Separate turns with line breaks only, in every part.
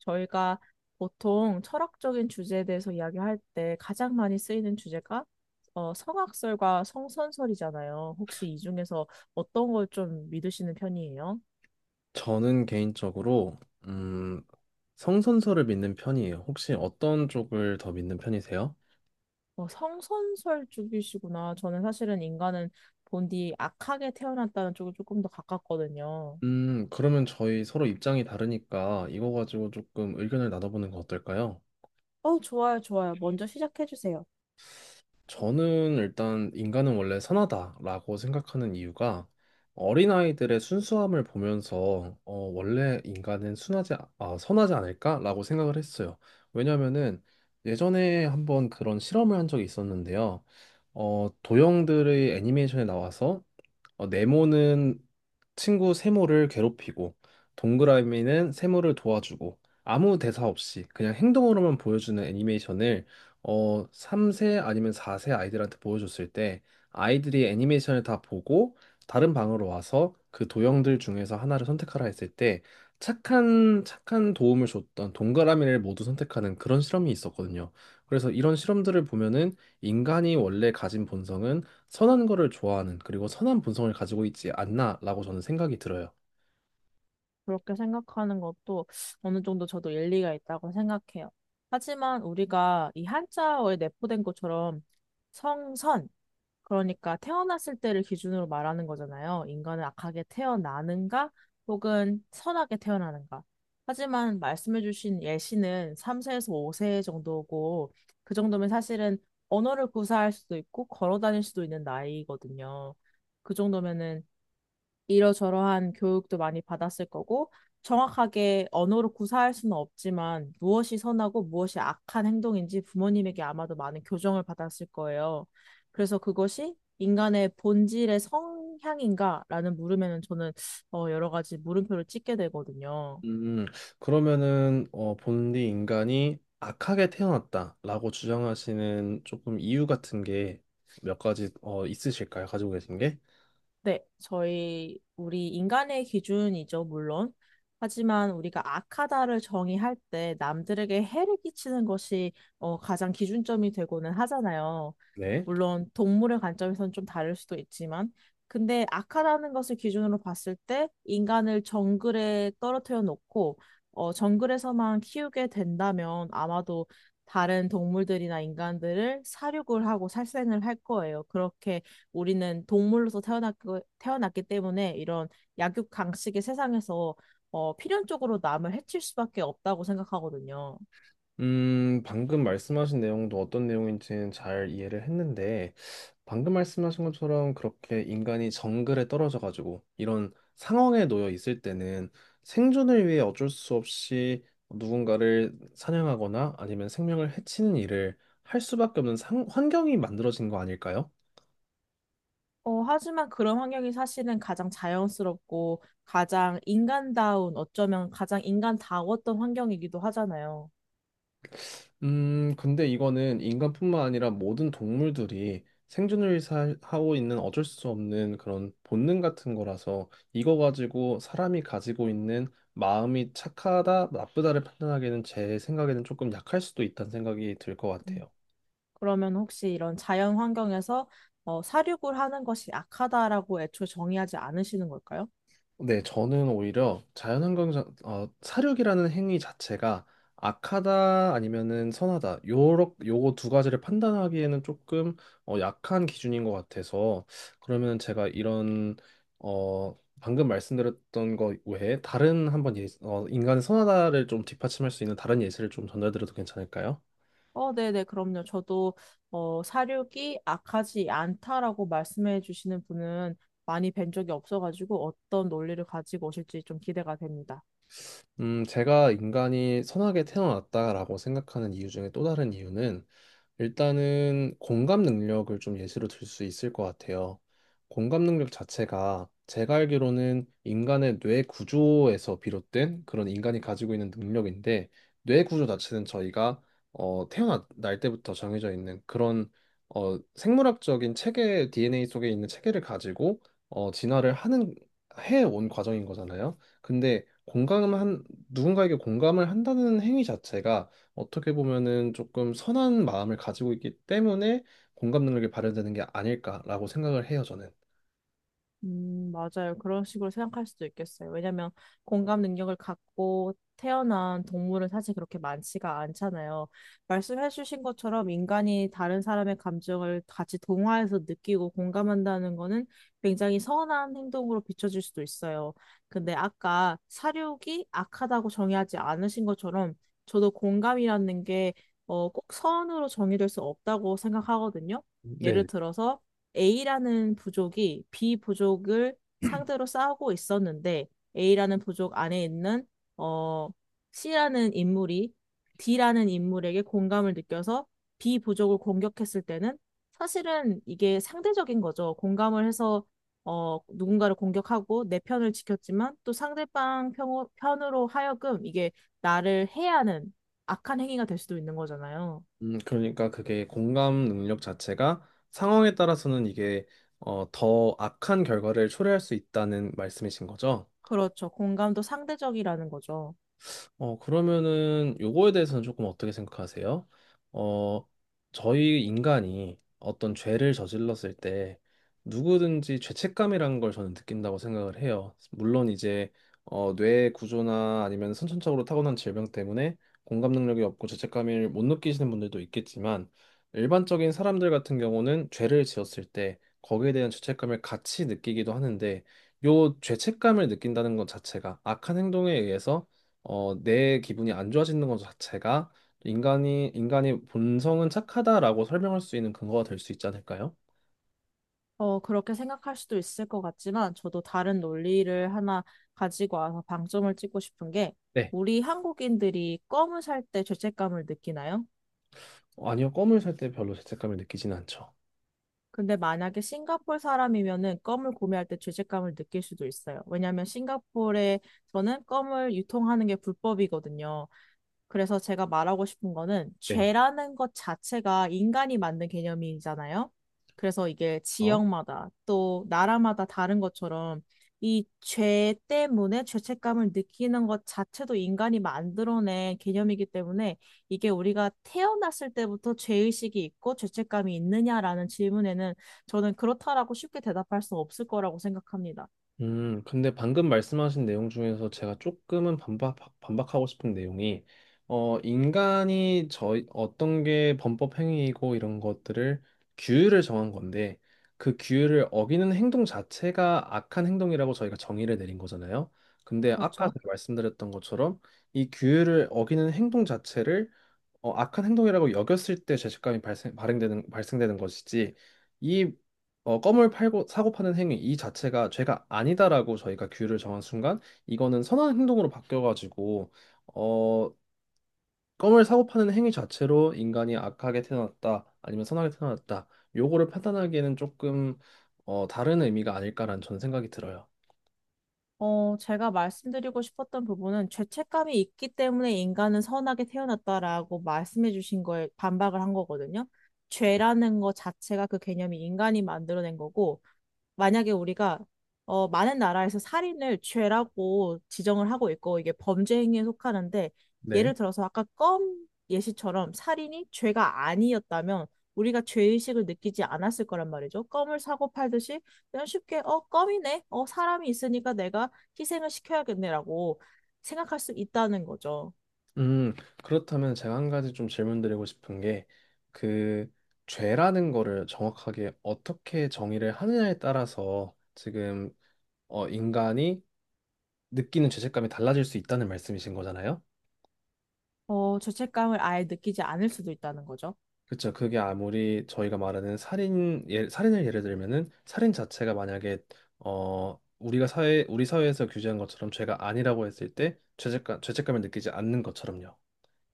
저희가 보통 철학적인 주제에 대해서 이야기할 때 가장 많이 쓰이는 주제가 성악설과 성선설이잖아요. 혹시 이 중에서 어떤 걸 좀 믿으시는 편이에요?
저는 개인적으로 음, 성선설을 믿는 편이에요. 혹시 어떤 쪽을 더 믿는 편이세요?
성선설 쪽이시구나. 저는 사실은 인간은 본디 악하게 태어났다는 쪽에 조금 더 가깝거든요.
그러면 저희 서로 입장이 다르니까 이거 가지고 조금 의견을 나눠보는 거 어떨까요?
좋아요, 좋아요. 먼저 시작해 주세요.
저는 일단 인간은 원래 선하다라고 생각하는 이유가 어린아이들의 순수함을 보면서 원래 인간은 선하지 않을까라고 생각을 했어요. 왜냐면은 예전에 한번 그런 실험을 한 적이 있었는데요. 도형들의 애니메이션에 나와서 네모는 친구 세모를 괴롭히고, 동그라미는 세모를 도와주고, 아무 대사 없이 그냥 행동으로만 보여주는 애니메이션을 3세 아니면 4세 아이들한테 보여줬을 때 아이들이 애니메이션을 다 보고 다른 방으로 와서 그 도형들 중에서 하나를 선택하라 했을 때 착한 도움을 줬던 동그라미를 모두 선택하는 그런 실험이 있었거든요. 그래서 이런 실험들을 보면은 인간이 원래 가진 본성은 선한 거를 좋아하는 그리고 선한 본성을 가지고 있지 않나라고 저는 생각이 들어요.
그렇게 생각하는 것도 어느 정도 저도 일리가 있다고 생각해요. 하지만 우리가 이 한자어에 내포된 것처럼 성선, 그러니까 태어났을 때를 기준으로 말하는 거잖아요. 인간은 악하게 태어나는가 혹은 선하게 태어나는가. 하지만 말씀해주신 예시는 3세에서 5세 정도고 그 정도면 사실은 언어를 구사할 수도 있고 걸어 다닐 수도 있는 나이거든요. 그 정도면은 이러저러한 교육도 많이 받았을 거고, 정확하게 언어로 구사할 수는 없지만, 무엇이 선하고 무엇이 악한 행동인지 부모님에게 아마도 많은 교정을 받았을 거예요. 그래서 그것이 인간의 본질의 성향인가라는 물음에는 저는 여러 가지 물음표를 찍게 되거든요.
음, 그러면은 본디 인간이 악하게 태어났다라고 주장하시는 조금 이유 같은 게 몇 가지 있으실까요? 가지고 계신 게?
네, 저희, 우리 인간의 기준이죠, 물론. 하지만 우리가 악하다를 정의할 때 남들에게 해를 끼치는 것이 가장 기준점이 되고는 하잖아요.
네.
물론 동물의 관점에서는 좀 다를 수도 있지만, 근데 악하다는 것을 기준으로 봤을 때 인간을 정글에 떨어뜨려 놓고 정글에서만 키우게 된다면 아마도 다른 동물들이나 인간들을 사육을 하고 살생을 할 거예요. 그렇게 우리는 동물로서 태어났고, 태어났기 때문에 이런 약육강식의 세상에서 필연적으로 남을 해칠 수밖에 없다고 생각하거든요.
방금 말씀하신 내용도 어떤 내용인지는 잘 이해를 했는데, 방금 말씀하신 것처럼 그렇게 인간이 정글에 떨어져가지고 이런 상황에 놓여 있을 때는 생존을 위해 어쩔 수 없이 누군가를 사냥하거나 아니면 생명을 해치는 일을 할 수밖에 없는 환경이 만들어진 거 아닐까요?
하지만 그런 환경이 사실은 가장 자연스럽고 가장 인간다운, 어쩌면 가장 인간다웠던 환경이기도 하잖아요.
근데 이거는 인간뿐만 아니라 모든 동물들이 하고 있는 어쩔 수 없는 그런 본능 같은 거라서 이거 가지고 사람이 가지고 있는 마음이 착하다, 나쁘다를 판단하기에는 제 생각에는 조금 약할 수도 있다는 생각이 들 것
음.
같아요.
그러면 혹시 이런 자연 환경에서 사육을 하는 것이 악하다라고 애초에 정의하지 않으시는 걸까요?
네, 저는 오히려 자연환경, 사륙이라는 행위 자체가 악하다 아니면은 선하다, 요거 두 가지를 판단하기에는 조금 약한 기준인 것 같아서, 그러면 제가 이런, 어, 방금 말씀드렸던 것 외에 다른 한번 인간의 선하다를 좀 뒷받침할 수 있는 다른 예시를 좀 전달드려도 괜찮을까요?
네네, 그럼요. 저도 사육이 악하지 않다라고 말씀해 주시는 분은 많이 뵌 적이 없어가지고 어떤 논리를 가지고 오실지 좀 기대가 됩니다.
제가 인간이 선하게 태어났다라고 생각하는 이유 중에 또 다른 이유는 일단은 공감 능력을 좀 예시로 들 수 있을 것 같아요. 공감 능력 자체가 제가 알기로는 인간의 뇌 구조에서 비롯된 그런 인간이 가지고 있는 능력인데 뇌 구조 자체는 저희가 태어날 때부터 정해져 있는 그런 생물학적인 체계 DNA 속에 있는 체계를 가지고 어, 진화를 하는 해 온 과정인 거잖아요. 근데 공감한 누군가에게 공감을 한다는 행위 자체가 어떻게 보면은 조금 선한 마음을 가지고 있기 때문에 공감 능력이 발현되는 게 아닐까라고 생각을 해요, 저는.
맞아요. 그런 식으로 생각할 수도 있겠어요. 왜냐면 공감 능력을 갖고 태어난 동물은 사실 그렇게 많지가 않잖아요. 말씀해 주신 것처럼 인간이 다른 사람의 감정을 같이 동화해서 느끼고 공감한다는 거는 굉장히 선한 행동으로 비춰질 수도 있어요. 근데 아까 사육이 악하다고 정의하지 않으신 것처럼 저도 공감이라는 게 꼭 선으로 정의될 수 없다고 생각하거든요. 예를
네.
들어서 A라는 부족이 B 부족을 상대로 싸우고 있었는데 A라는 부족 안에 있는 어, C라는 인물이 D라는 인물에게 공감을 느껴서 B 부족을 공격했을 때는 사실은 이게 상대적인 거죠. 공감을 해서 누군가를 공격하고 내 편을 지켰지만 또 상대방 편으로 하여금 이게 나를 해하는 악한 행위가 될 수도 있는 거잖아요.
그러니까 그게 공감 능력 자체가 상황에 따라서는 이게 더 악한 결과를 초래할 수 있다는 말씀이신 거죠?
그렇죠. 공감도 상대적이라는 거죠.
그러면은 요거에 대해서는 조금 어떻게 생각하세요? 어, 저희 인간이 어떤 죄를 저질렀을 때 누구든지 죄책감이라는 걸 저는 느낀다고 생각을 해요. 물론 이제 뇌 구조나 아니면 선천적으로 타고난 질병 때문에 공감 능력이 없고 죄책감을 못 느끼시는 분들도 있겠지만 일반적인 사람들 같은 경우는 죄를 지었을 때 거기에 대한 죄책감을 같이 느끼기도 하는데 요 죄책감을 느낀다는 것 자체가 악한 행동에 의해서 내 기분이 안 좋아지는 것 자체가 인간이 인간의 본성은 착하다라고 설명할 수 있는 근거가 될 수 있지 않을까요?
그렇게 생각할 수도 있을 것 같지만, 저도 다른 논리를 하나 가지고 와서 방점을 찍고 싶은 게,
네.
우리 한국인들이 껌을 살 때 죄책감을 느끼나요?
아니요, 껌을 살 때 별로 죄책감을 느끼지는 않죠.
근데 만약에 싱가포르 사람이면은 껌을 구매할 때 죄책감을 느낄 수도 있어요. 왜냐하면 싱가포르에서는 껌을 유통하는 게 불법이거든요. 그래서 제가 말하고 싶은 거는
네.
죄라는 것 자체가 인간이 만든 개념이잖아요. 그래서 이게
어?
지역마다 또 나라마다 다른 것처럼 이 죄 때문에 죄책감을 느끼는 것 자체도 인간이 만들어낸 개념이기 때문에 이게 우리가 태어났을 때부터 죄의식이 있고 죄책감이 있느냐라는 질문에는 저는 그렇다라고 쉽게 대답할 수 없을 거라고 생각합니다.
근데 방금 말씀하신 내용 중에서 제가 조금은 반박하고 싶은 내용이, 인간이 어떤 게 범법 행위이고 이런 것들을 규율을 정한 건데, 그 규율을 어기는 행동 자체가 악한 행동이라고 저희가 정의를 내린 거잖아요. 근데 아까
그렇죠?
제가 말씀드렸던 것처럼 이 규율을 어기는 행동 자체를 악한 행동이라고 여겼을 때 죄책감이 발생되는 것이지 이 껌을 팔고 사고 파는 행위 이 자체가 죄가 아니다라고 저희가 규율을 정한 순간 이거는 선한 행동으로 바뀌어가지고 어, 껌을 사고 파는 행위 자체로 인간이 악하게 태어났다 아니면 선하게 태어났다 요거를 판단하기에는 조금 다른 의미가 아닐까라는 저는 생각이 들어요.
제가 말씀드리고 싶었던 부분은 죄책감이 있기 때문에 인간은 선하게 태어났다라고 말씀해 주신 거에 반박을 한 거거든요. 죄라는 거 자체가 그 개념이 인간이 만들어낸 거고, 만약에 우리가 많은 나라에서 살인을 죄라고 지정을 하고 있고 이게 범죄 행위에 속하는데 예를
네.
들어서 아까 껌 예시처럼 살인이 죄가 아니었다면 우리가 죄의식을 느끼지 않았을 거란 말이죠. 껌을 사고 팔듯이 그냥 쉽게 어 껌이네. 어 사람이 있으니까 내가 희생을 시켜야겠네라고 생각할 수 있다는 거죠.
음, 그렇다면 제가 한 가지 좀 질문드리고 싶은 게, 그, 죄라는 거를 정확하게 어떻게 정의를 하느냐에 따라서 지금, 인간이 느끼는 죄책감이 달라질 수 있다는 말씀이신 거잖아요?
어 죄책감을 아예 느끼지 않을 수도 있다는 거죠.
그렇죠. 그게 아무리 저희가 말하는 살인을 예를 들면은 살인 자체가 만약에, 우리가 우리 사회에서 규제한 것처럼 죄가 아니라고 했을 때 죄책감을 느끼지 않는 것처럼요.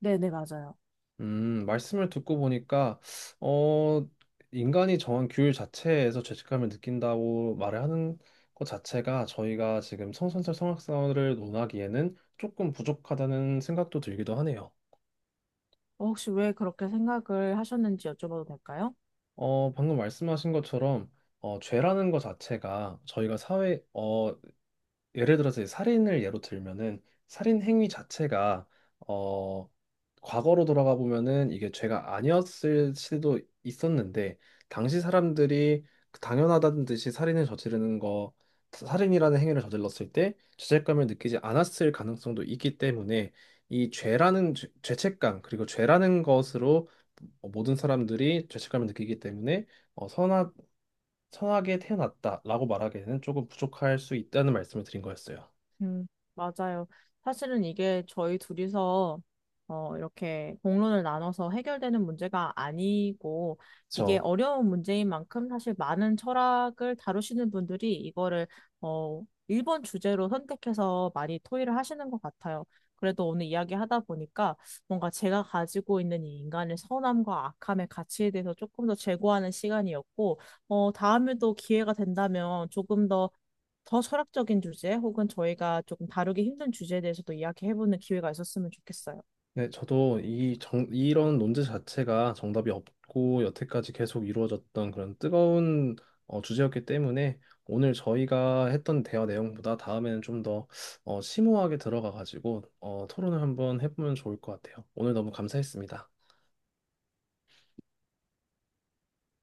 네, 네, 맞아요.
말씀을 듣고 보니까, 어, 인간이 정한 규율 자체에서 죄책감을 느낀다고 말을 하는 것 자체가 저희가 지금 성선설 성악설을 논하기에는 조금 부족하다는 생각도 들기도 하네요.
혹시 왜 그렇게 생각을 하셨는지 여쭤봐도 될까요?
방금 말씀하신 것처럼, 죄라는 것 자체가 저희가 예를 들어서 이 살인을 예로 들면은 살인 행위 자체가 어 과거로 돌아가 보면은 이게 죄가 아니었을 수도 있었는데 당시 사람들이 그 당연하다는 듯이 살인을 저지르는 거 살인이라는 행위를 저질렀을 때 죄책감을 느끼지 않았을 가능성도 있기 때문에 이 죄라는 죄책감 그리고 죄라는 것으로 모든 사람들이 죄책감을 느끼기 때문에 어, 선하, 선하게 태어났다라고 말하기에는 조금 부족할 수 있다는 말씀을 드린 거였어요.
음, 맞아요. 사실은 이게 저희 둘이서 이렇게 공론을 나눠서 해결되는 문제가 아니고 이게
그렇죠.
어려운 문제인 만큼 사실 많은 철학을 다루시는 분들이 이거를 어, 1번 주제로 선택해서 많이 토의를 하시는 것 같아요. 그래도 오늘 이야기하다 보니까 뭔가 제가 가지고 있는 이 인간의 선함과 악함의 가치에 대해서 조금 더 재고하는 시간이었고, 다음에도 기회가 된다면 조금 더 철학적인 주제 혹은 저희가 조금 다루기 힘든 주제에 대해서도 이야기해보는 기회가 있었으면 좋겠어요.
네, 저도 이런 논제 자체가 정답이 없고 여태까지 계속 이루어졌던 그런 뜨거운 주제였기 때문에 오늘 저희가 했던 대화 내용보다 다음에는 좀 더 심오하게 들어가 가지고 토론을 한번 해보면 좋을 것 같아요. 오늘 너무 감사했습니다.